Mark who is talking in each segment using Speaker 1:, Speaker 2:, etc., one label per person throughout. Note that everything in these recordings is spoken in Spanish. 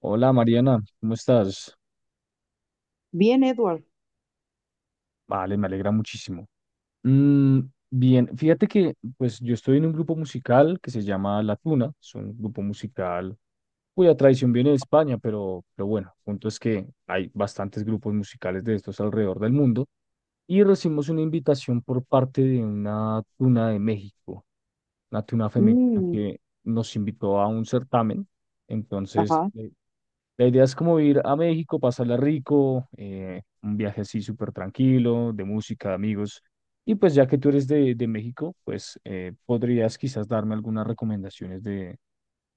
Speaker 1: Hola Mariana, ¿cómo estás?
Speaker 2: Bien, Edward.
Speaker 1: Vale, me alegra muchísimo. Mm, bien, fíjate que pues yo estoy en un grupo musical que se llama La Tuna, es un grupo musical cuya tradición viene de España, pero bueno, el punto es que hay bastantes grupos musicales de estos alrededor del mundo y recibimos una invitación por parte de una tuna de México, una tuna femenina
Speaker 2: Mm,
Speaker 1: que nos invitó a un certamen, entonces...
Speaker 2: ajá.
Speaker 1: la idea es como ir a México, pasarla rico, un viaje así súper tranquilo, de música, de amigos. Y pues ya que tú eres de México, pues podrías quizás darme algunas recomendaciones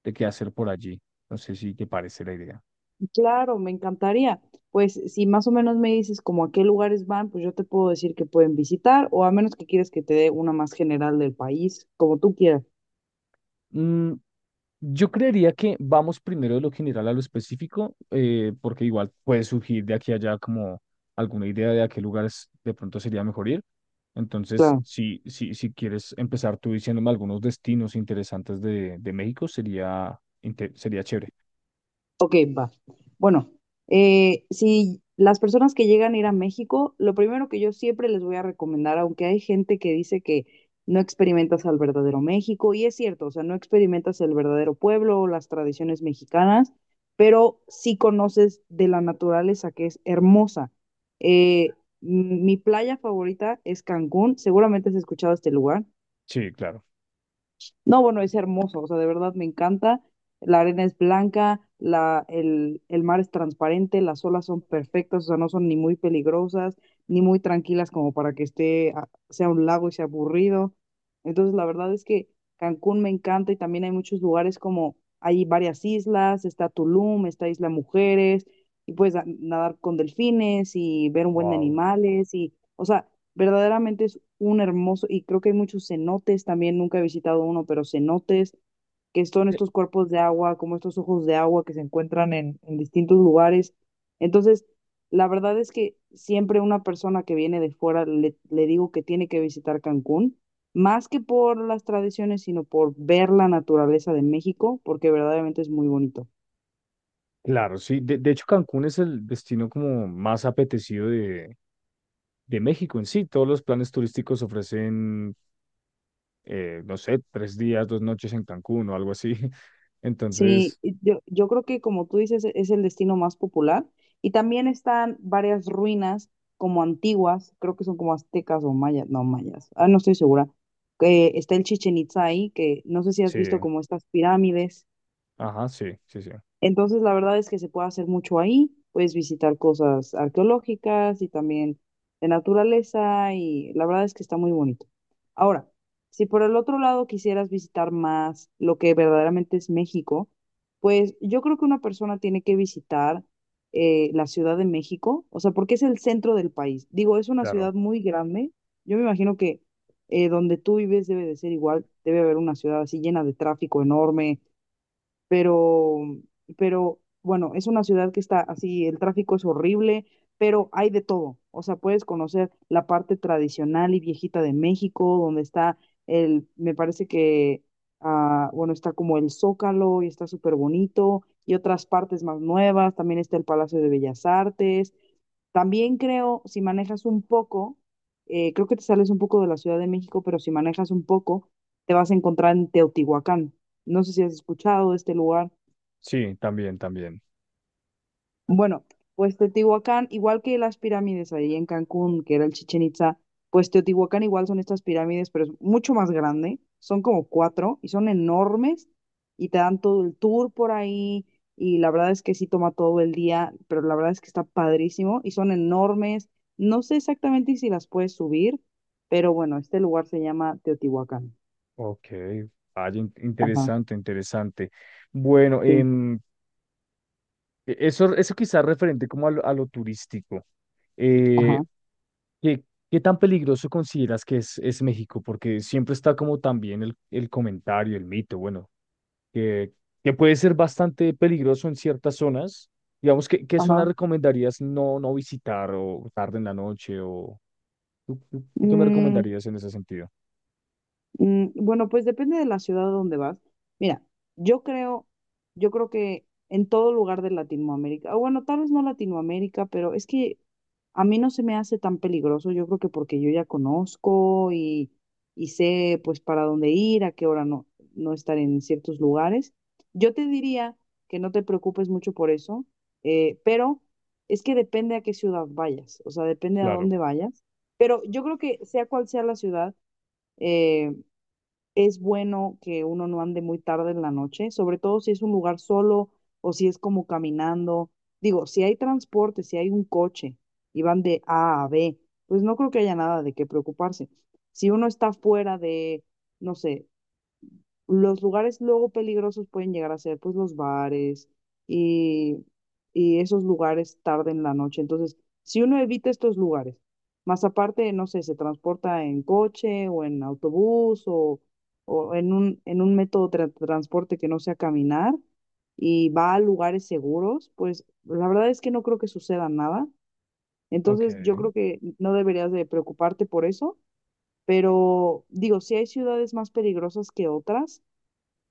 Speaker 1: de qué hacer por allí. No sé si te parece la idea.
Speaker 2: Claro, me encantaría. Pues si más o menos me dices como a qué lugares van, pues yo te puedo decir que pueden visitar, o a menos que quieres que te dé una más general del país, como tú quieras.
Speaker 1: Mm, yo creería que vamos primero de lo general a lo específico, porque igual puede surgir de aquí a allá como alguna idea de a qué lugares de pronto sería mejor ir. Entonces,
Speaker 2: Claro.
Speaker 1: si quieres empezar tú diciéndome algunos destinos interesantes de México, sería, sería chévere.
Speaker 2: Ok, va. Bueno, si las personas que llegan a ir a México, lo primero que yo siempre les voy a recomendar, aunque hay gente que dice que no experimentas al verdadero México, y es cierto, o sea, no experimentas el verdadero pueblo o las tradiciones mexicanas, pero sí conoces de la naturaleza que es hermosa. Eh, m- mi playa favorita es Cancún, seguramente has escuchado este lugar.
Speaker 1: Sí, claro.
Speaker 2: No, bueno, es hermoso, o sea, de verdad me encanta. La arena es blanca, el mar es transparente, las olas son perfectas, o sea, no son ni muy peligrosas, ni muy tranquilas como para que sea un lago y sea aburrido. Entonces, la verdad es que Cancún me encanta y también hay muchos lugares como, hay varias islas, está Tulum, está Isla Mujeres, y puedes nadar con delfines y ver un buen de
Speaker 1: Wow.
Speaker 2: animales y, o sea, verdaderamente es un hermoso, y creo que hay muchos cenotes también, nunca he visitado uno, pero cenotes, que son estos cuerpos de agua, como estos ojos de agua que se encuentran en distintos lugares. Entonces, la verdad es que siempre una persona que viene de fuera le digo que tiene que visitar Cancún, más que por las tradiciones, sino por ver la naturaleza de México, porque verdaderamente es muy bonito.
Speaker 1: Claro, sí. De hecho, Cancún es el destino como más apetecido de México en sí. Todos los planes turísticos ofrecen, no sé, tres días, dos noches en Cancún o algo así.
Speaker 2: Sí,
Speaker 1: Entonces,
Speaker 2: y yo creo que como tú dices, es el destino más popular. Y también están varias ruinas como antiguas, creo que son como aztecas o mayas, no mayas, no estoy segura. Que está el Chichen Itzá ahí, que no sé si has
Speaker 1: sí,
Speaker 2: visto como estas pirámides.
Speaker 1: ajá, sí, sí, sí.
Speaker 2: Entonces, la verdad es que se puede hacer mucho ahí, puedes visitar cosas arqueológicas y también de naturaleza y la verdad es que está muy bonito. Ahora, si por el otro lado quisieras visitar más lo que verdaderamente es México, pues yo creo que una persona tiene que visitar la Ciudad de México, o sea, porque es el centro del país. Digo, es una
Speaker 1: Claro.
Speaker 2: ciudad muy grande. Yo me imagino que donde tú vives debe de ser igual, debe haber una ciudad así llena de tráfico enorme, pero, pero bueno, es una ciudad que está así, el tráfico es horrible, pero hay de todo. O sea, puedes conocer la parte tradicional y viejita de México, donde está el, me parece que, bueno, está como el Zócalo y está súper bonito, y otras partes más nuevas, también está el Palacio de Bellas Artes, también creo, si manejas un poco, creo que te sales un poco de la Ciudad de México, pero si manejas un poco, te vas a encontrar en Teotihuacán. No sé si has escuchado de este lugar.
Speaker 1: Sí, también, también.
Speaker 2: Bueno, pues Teotihuacán, igual que las pirámides ahí en Cancún, que era el Chichen Itza, pues Teotihuacán igual son estas pirámides, pero es mucho más grande. Son como cuatro y son enormes y te dan todo el tour por ahí y la verdad es que sí toma todo el día, pero la verdad es que está padrísimo y son enormes. No sé exactamente si las puedes subir, pero bueno, este lugar se llama Teotihuacán.
Speaker 1: Ok. Vaya,
Speaker 2: Ajá,
Speaker 1: interesante, interesante. Bueno,
Speaker 2: sí,
Speaker 1: eso, eso quizás referente como a lo turístico. Eh,
Speaker 2: ajá,
Speaker 1: ¿Qué, qué tan peligroso consideras que es México? Porque siempre está como también el comentario, el mito, bueno, que, que puede ser bastante peligroso en ciertas zonas. Digamos, ¿qué, qué zona
Speaker 2: ajá.
Speaker 1: recomendarías no, no visitar o tarde en la noche? O, ¿tú, tú qué me
Speaker 2: Mm,
Speaker 1: recomendarías en ese sentido?
Speaker 2: mm, bueno, pues depende de la ciudad a donde vas. Mira, yo creo, yo creo que en todo lugar de Latinoamérica, o bueno, tal vez no Latinoamérica, pero es que a mí no se me hace tan peligroso. Yo creo que porque yo ya conozco y sé pues para dónde ir, a qué hora no, no estar en ciertos lugares. Yo te diría que no te preocupes mucho por eso, pero es que depende a qué ciudad vayas, o sea, depende a
Speaker 1: Claro,
Speaker 2: dónde vayas. Pero yo creo que sea cual sea la ciudad, eh, es bueno que uno no ande muy tarde en la noche, sobre todo si es un lugar solo o si es como caminando. Digo, si hay transporte, si hay un coche y van de A a B, pues no creo que haya nada de qué preocuparse. Si uno está fuera de, no sé, los lugares luego peligrosos pueden llegar a ser pues los bares y, y esos lugares tarde en la noche. Entonces, si uno evita estos lugares, más aparte, no sé, se transporta en coche o en autobús o en un método de transporte que no sea caminar y va a lugares seguros, pues la verdad es que no creo que suceda nada. Entonces, yo
Speaker 1: ok.
Speaker 2: creo que no deberías de preocuparte por eso, pero digo, si hay ciudades más peligrosas que otras,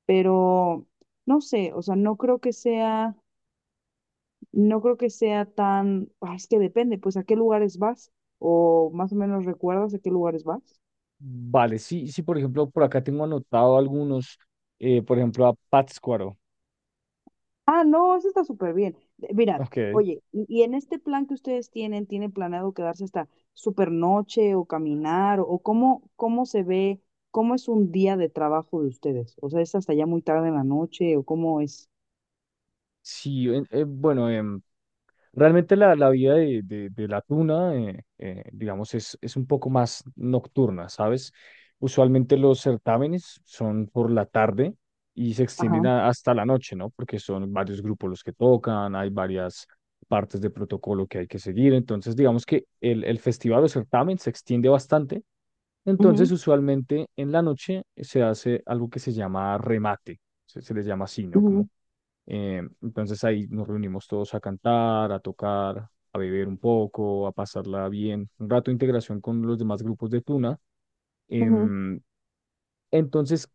Speaker 2: pero no sé, o sea, no creo que sea, no creo que sea tan, es que depende, pues a qué lugares vas o más o menos recuerdas a qué lugares vas.
Speaker 1: Vale, sí, sí, por ejemplo, por acá tengo anotado algunos, por ejemplo, a Pátzcuaro.
Speaker 2: Ah, no, eso está súper bien. Mirad,
Speaker 1: Ok,
Speaker 2: oye, y en este plan que ustedes tienen, ¿tienen planeado quedarse hasta súper noche o caminar o cómo, cómo se ve, cómo es un día de trabajo de ustedes? O sea, ¿es hasta ya muy tarde en la noche o cómo es?
Speaker 1: sí, bueno, realmente la, la vida de la tuna, digamos, es un poco más nocturna, ¿sabes? Usualmente los certámenes son por la tarde y se extienden
Speaker 2: Ajá.
Speaker 1: hasta la noche, ¿no? Porque son varios grupos los que tocan, hay varias partes de protocolo que hay que seguir. Entonces, digamos que el festival o certamen se extiende bastante. Entonces,
Speaker 2: Ujú,
Speaker 1: usualmente en la noche se hace algo que se llama remate, se les llama así, ¿no?
Speaker 2: ujú,
Speaker 1: Como entonces ahí nos reunimos todos a cantar, a tocar, a beber un poco, a pasarla bien. Un rato de integración con los demás grupos de Tuna.
Speaker 2: ujú,
Speaker 1: Em, entonces,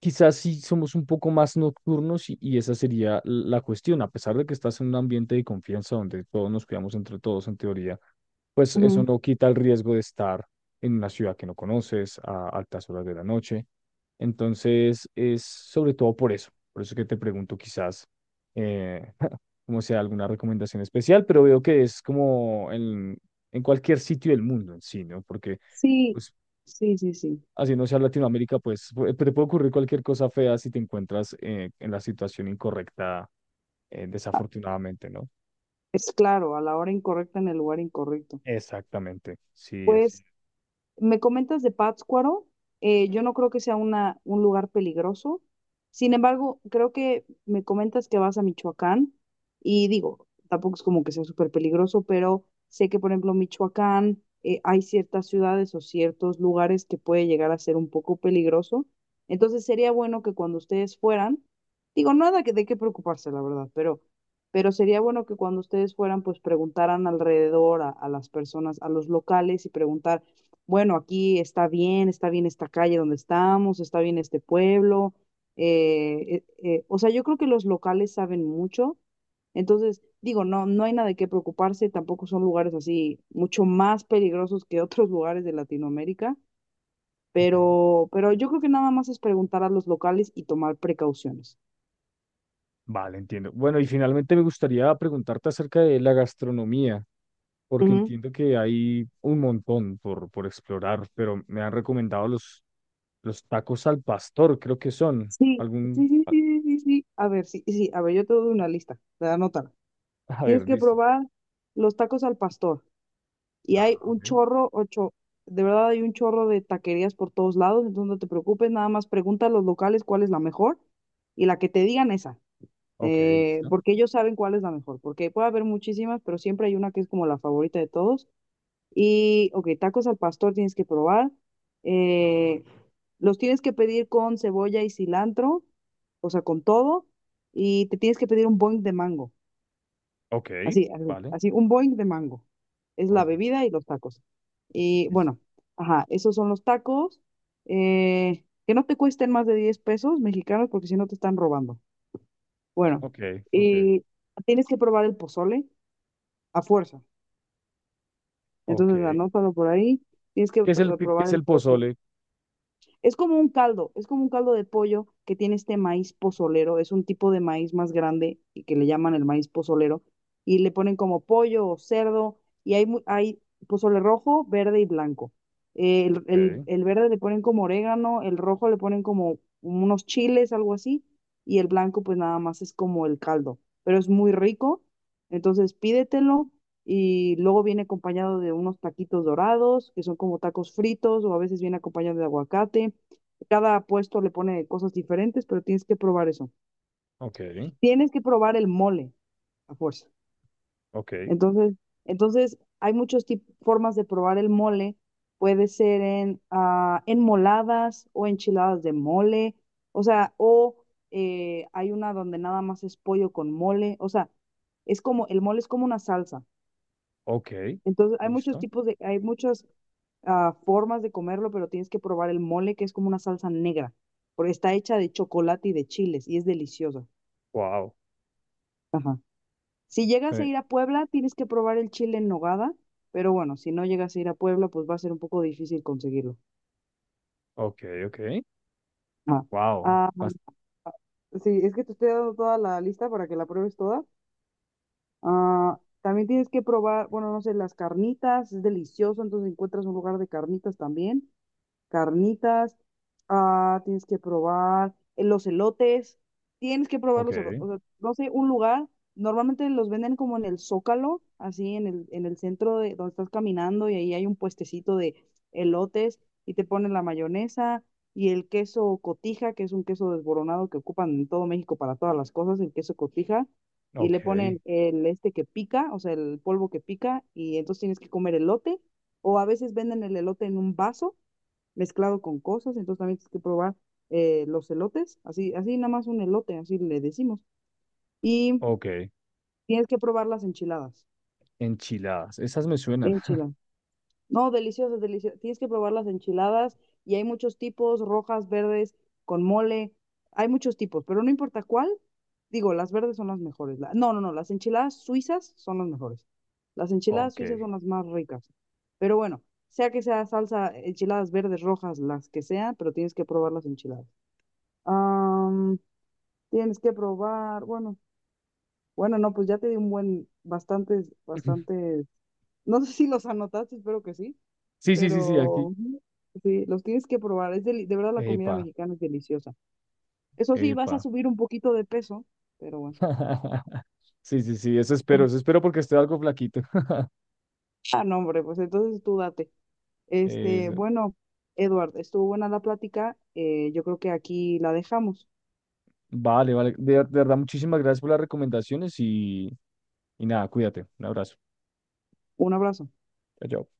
Speaker 1: quizás sí somos un poco más nocturnos y esa sería la cuestión, a pesar de que estás en un ambiente de confianza donde todos nos cuidamos entre todos en teoría, pues eso
Speaker 2: ujú.
Speaker 1: no quita el riesgo de estar en una ciudad que no conoces a altas horas de la noche. Entonces, es sobre todo por eso que te pregunto quizás eh, como sea alguna recomendación especial, pero veo que es como en cualquier sitio del mundo en sí, ¿no? Porque...
Speaker 2: Sí,
Speaker 1: Pues
Speaker 2: sí, sí, sí.
Speaker 1: así no sea Latinoamérica, pues te puede ocurrir cualquier cosa fea si te encuentras en la situación incorrecta, desafortunadamente, ¿no?
Speaker 2: Es claro, a la hora incorrecta en el lugar incorrecto.
Speaker 1: Exactamente, sí, así. Es.
Speaker 2: Pues me comentas de Pátzcuaro, yo no creo que sea una, un lugar peligroso. Sin embargo, creo que me comentas que vas a Michoacán y digo, tampoco es como que sea súper peligroso, pero sé que, por ejemplo, Michoacán, hay ciertas ciudades o ciertos lugares que puede llegar a ser un poco peligroso. Entonces sería bueno que cuando ustedes fueran, digo, nada que, de qué preocuparse, la verdad, pero sería bueno que cuando ustedes fueran, pues preguntaran alrededor a las personas, a los locales y preguntar bueno, aquí está bien esta calle donde estamos, está bien este pueblo. O sea, yo creo que los locales saben mucho. Entonces, digo, no, no hay nada de qué preocuparse, tampoco son lugares así mucho más peligrosos que otros lugares de Latinoamérica,
Speaker 1: Ok.
Speaker 2: pero yo creo que nada más es preguntar a los locales y tomar precauciones.
Speaker 1: Vale, entiendo. Bueno, y finalmente me gustaría preguntarte acerca de la gastronomía, porque
Speaker 2: Ujú.
Speaker 1: entiendo que hay un montón por explorar, pero me han recomendado los tacos al pastor, creo que son.
Speaker 2: Sí,
Speaker 1: Algún...
Speaker 2: sí, sí,
Speaker 1: A
Speaker 2: sí, sí, sí, sí. A ver, sí, sí, a ver, yo te doy una lista, te anótala.
Speaker 1: a
Speaker 2: Tienes
Speaker 1: ver,
Speaker 2: que
Speaker 1: listo.
Speaker 2: probar los tacos al pastor. Y hay
Speaker 1: Ah,
Speaker 2: un
Speaker 1: ok.
Speaker 2: chorro, ocho, de verdad hay un chorro de taquerías por todos lados, entonces no te preocupes, nada más pregunta a los locales cuál es la mejor y la que te digan esa,
Speaker 1: Ok, listo.
Speaker 2: porque ellos saben cuál es la mejor, porque puede haber muchísimas, pero siempre hay una que es como la favorita de todos. Y, ok, tacos al pastor tienes que probar, eh, los tienes que pedir con cebolla y cilantro, o sea, con todo, y te tienes que pedir un boing de mango.
Speaker 1: Ok,
Speaker 2: Así, así,
Speaker 1: vale.
Speaker 2: así, un boing de mango. Es
Speaker 1: Voy
Speaker 2: la
Speaker 1: a
Speaker 2: bebida y los tacos. Y
Speaker 1: intentar.
Speaker 2: bueno, ajá, esos son los tacos. Que no te cuesten más de 10 pesos mexicanos porque si no te están robando. Bueno,
Speaker 1: Ok, ok,
Speaker 2: y tienes que probar el pozole a fuerza.
Speaker 1: ok.
Speaker 2: Entonces, anótalo por ahí. Tienes que
Speaker 1: Qué
Speaker 2: probar
Speaker 1: es
Speaker 2: el
Speaker 1: el
Speaker 2: pozole.
Speaker 1: pozole?
Speaker 2: Es como un caldo, es como un caldo de pollo que tiene este maíz pozolero, es un tipo de maíz más grande y que le llaman el maíz pozolero y le ponen como pollo o cerdo y hay, hay pozole rojo, verde y blanco. Eh, El, el-
Speaker 1: Ok,
Speaker 2: el verde le ponen como orégano, el rojo le ponen como unos chiles, algo así, y el blanco pues nada más es como el caldo, pero es muy rico, entonces pídetelo y luego viene acompañado de unos taquitos dorados, que son como tacos fritos o a veces viene acompañado de aguacate. Cada puesto le pone cosas diferentes, pero tienes que probar eso.
Speaker 1: ok,
Speaker 2: Tienes que probar el mole a fuerza.
Speaker 1: ok,
Speaker 2: Entonces, entonces hay muchas formas de probar el mole. Puede ser en enmoladas o enchiladas de mole. O sea, o hay una donde nada más es pollo con mole. O sea, es como, el mole es como una salsa.
Speaker 1: ok.
Speaker 2: Entonces, hay muchos
Speaker 1: Listo.
Speaker 2: tipos de, hay muchas formas de comerlo, pero tienes que probar el mole, que es como una salsa negra, porque está hecha de chocolate y de chiles y es deliciosa.
Speaker 1: Wow.
Speaker 2: Ajá. Si llegas a ir a Puebla, tienes que probar el chile en nogada, pero bueno, si no llegas a ir a Puebla, pues va a ser un poco difícil conseguirlo.
Speaker 1: Ok, ok.
Speaker 2: Ajá.
Speaker 1: Wow.
Speaker 2: Ah,
Speaker 1: Bas-
Speaker 2: sí, es que te estoy dando toda la lista para que la pruebes toda. Ah, también tienes que probar, bueno, no sé, las carnitas, es delicioso, entonces encuentras un lugar de carnitas también. Carnitas, tienes que probar los elotes, tienes que probar
Speaker 1: Ok,
Speaker 2: los elotes, o sea, no sé, un lugar, normalmente los venden como en el Zócalo, así en el centro de donde estás caminando y ahí hay un puestecito de elotes y te ponen la mayonesa y el queso cotija, que es un queso desboronado que ocupan en todo México para todas las cosas, el queso cotija. Y le
Speaker 1: ok,
Speaker 2: ponen el este que pica, o sea, el polvo que pica, y entonces tienes que comer elote, o a veces venden el elote en un vaso, mezclado con cosas, entonces también tienes que probar los elotes, así, así nada más un elote, así le decimos. Y
Speaker 1: ok.
Speaker 2: tienes que probar las enchiladas,
Speaker 1: Enchiladas. Esas me suenan.
Speaker 2: enchiladas. No, deliciosas, deliciosas. Tienes que probar las enchiladas y hay muchos tipos, rojas, verdes, con mole, hay muchos tipos, pero no importa cuál, digo, las verdes son las mejores. No, no, no, las enchiladas suizas son las mejores. Las enchiladas
Speaker 1: Ok.
Speaker 2: suizas son las más ricas. Pero bueno, sea que sea salsa, enchiladas verdes, rojas, las que sean, pero tienes que probar las enchiladas. Am, Tienes que probar, bueno, bueno, no, pues ya te di un buen, bastantes, bastantes, no sé si los anotaste, espero que sí,
Speaker 1: Sí, sí, sí, sí,
Speaker 2: pero
Speaker 1: aquí.
Speaker 2: ujú, sí, los tienes que probar, es de verdad la comida
Speaker 1: Epa,
Speaker 2: mexicana es deliciosa. Eso sí, vas a
Speaker 1: epa.
Speaker 2: subir un poquito de peso, pero bueno.
Speaker 1: Sí, sí, sí, eso espero porque estoy algo flaquito.
Speaker 2: Ah, no, hombre, pues entonces tú date. Este,
Speaker 1: Eso.
Speaker 2: bueno, Edward, estuvo buena la plática, yo creo que aquí la dejamos.
Speaker 1: Vale, vale. De verdad, muchísimas gracias por las recomendaciones y nada, cuídate. Un abrazo.
Speaker 2: Un abrazo.
Speaker 1: Chao. Chao.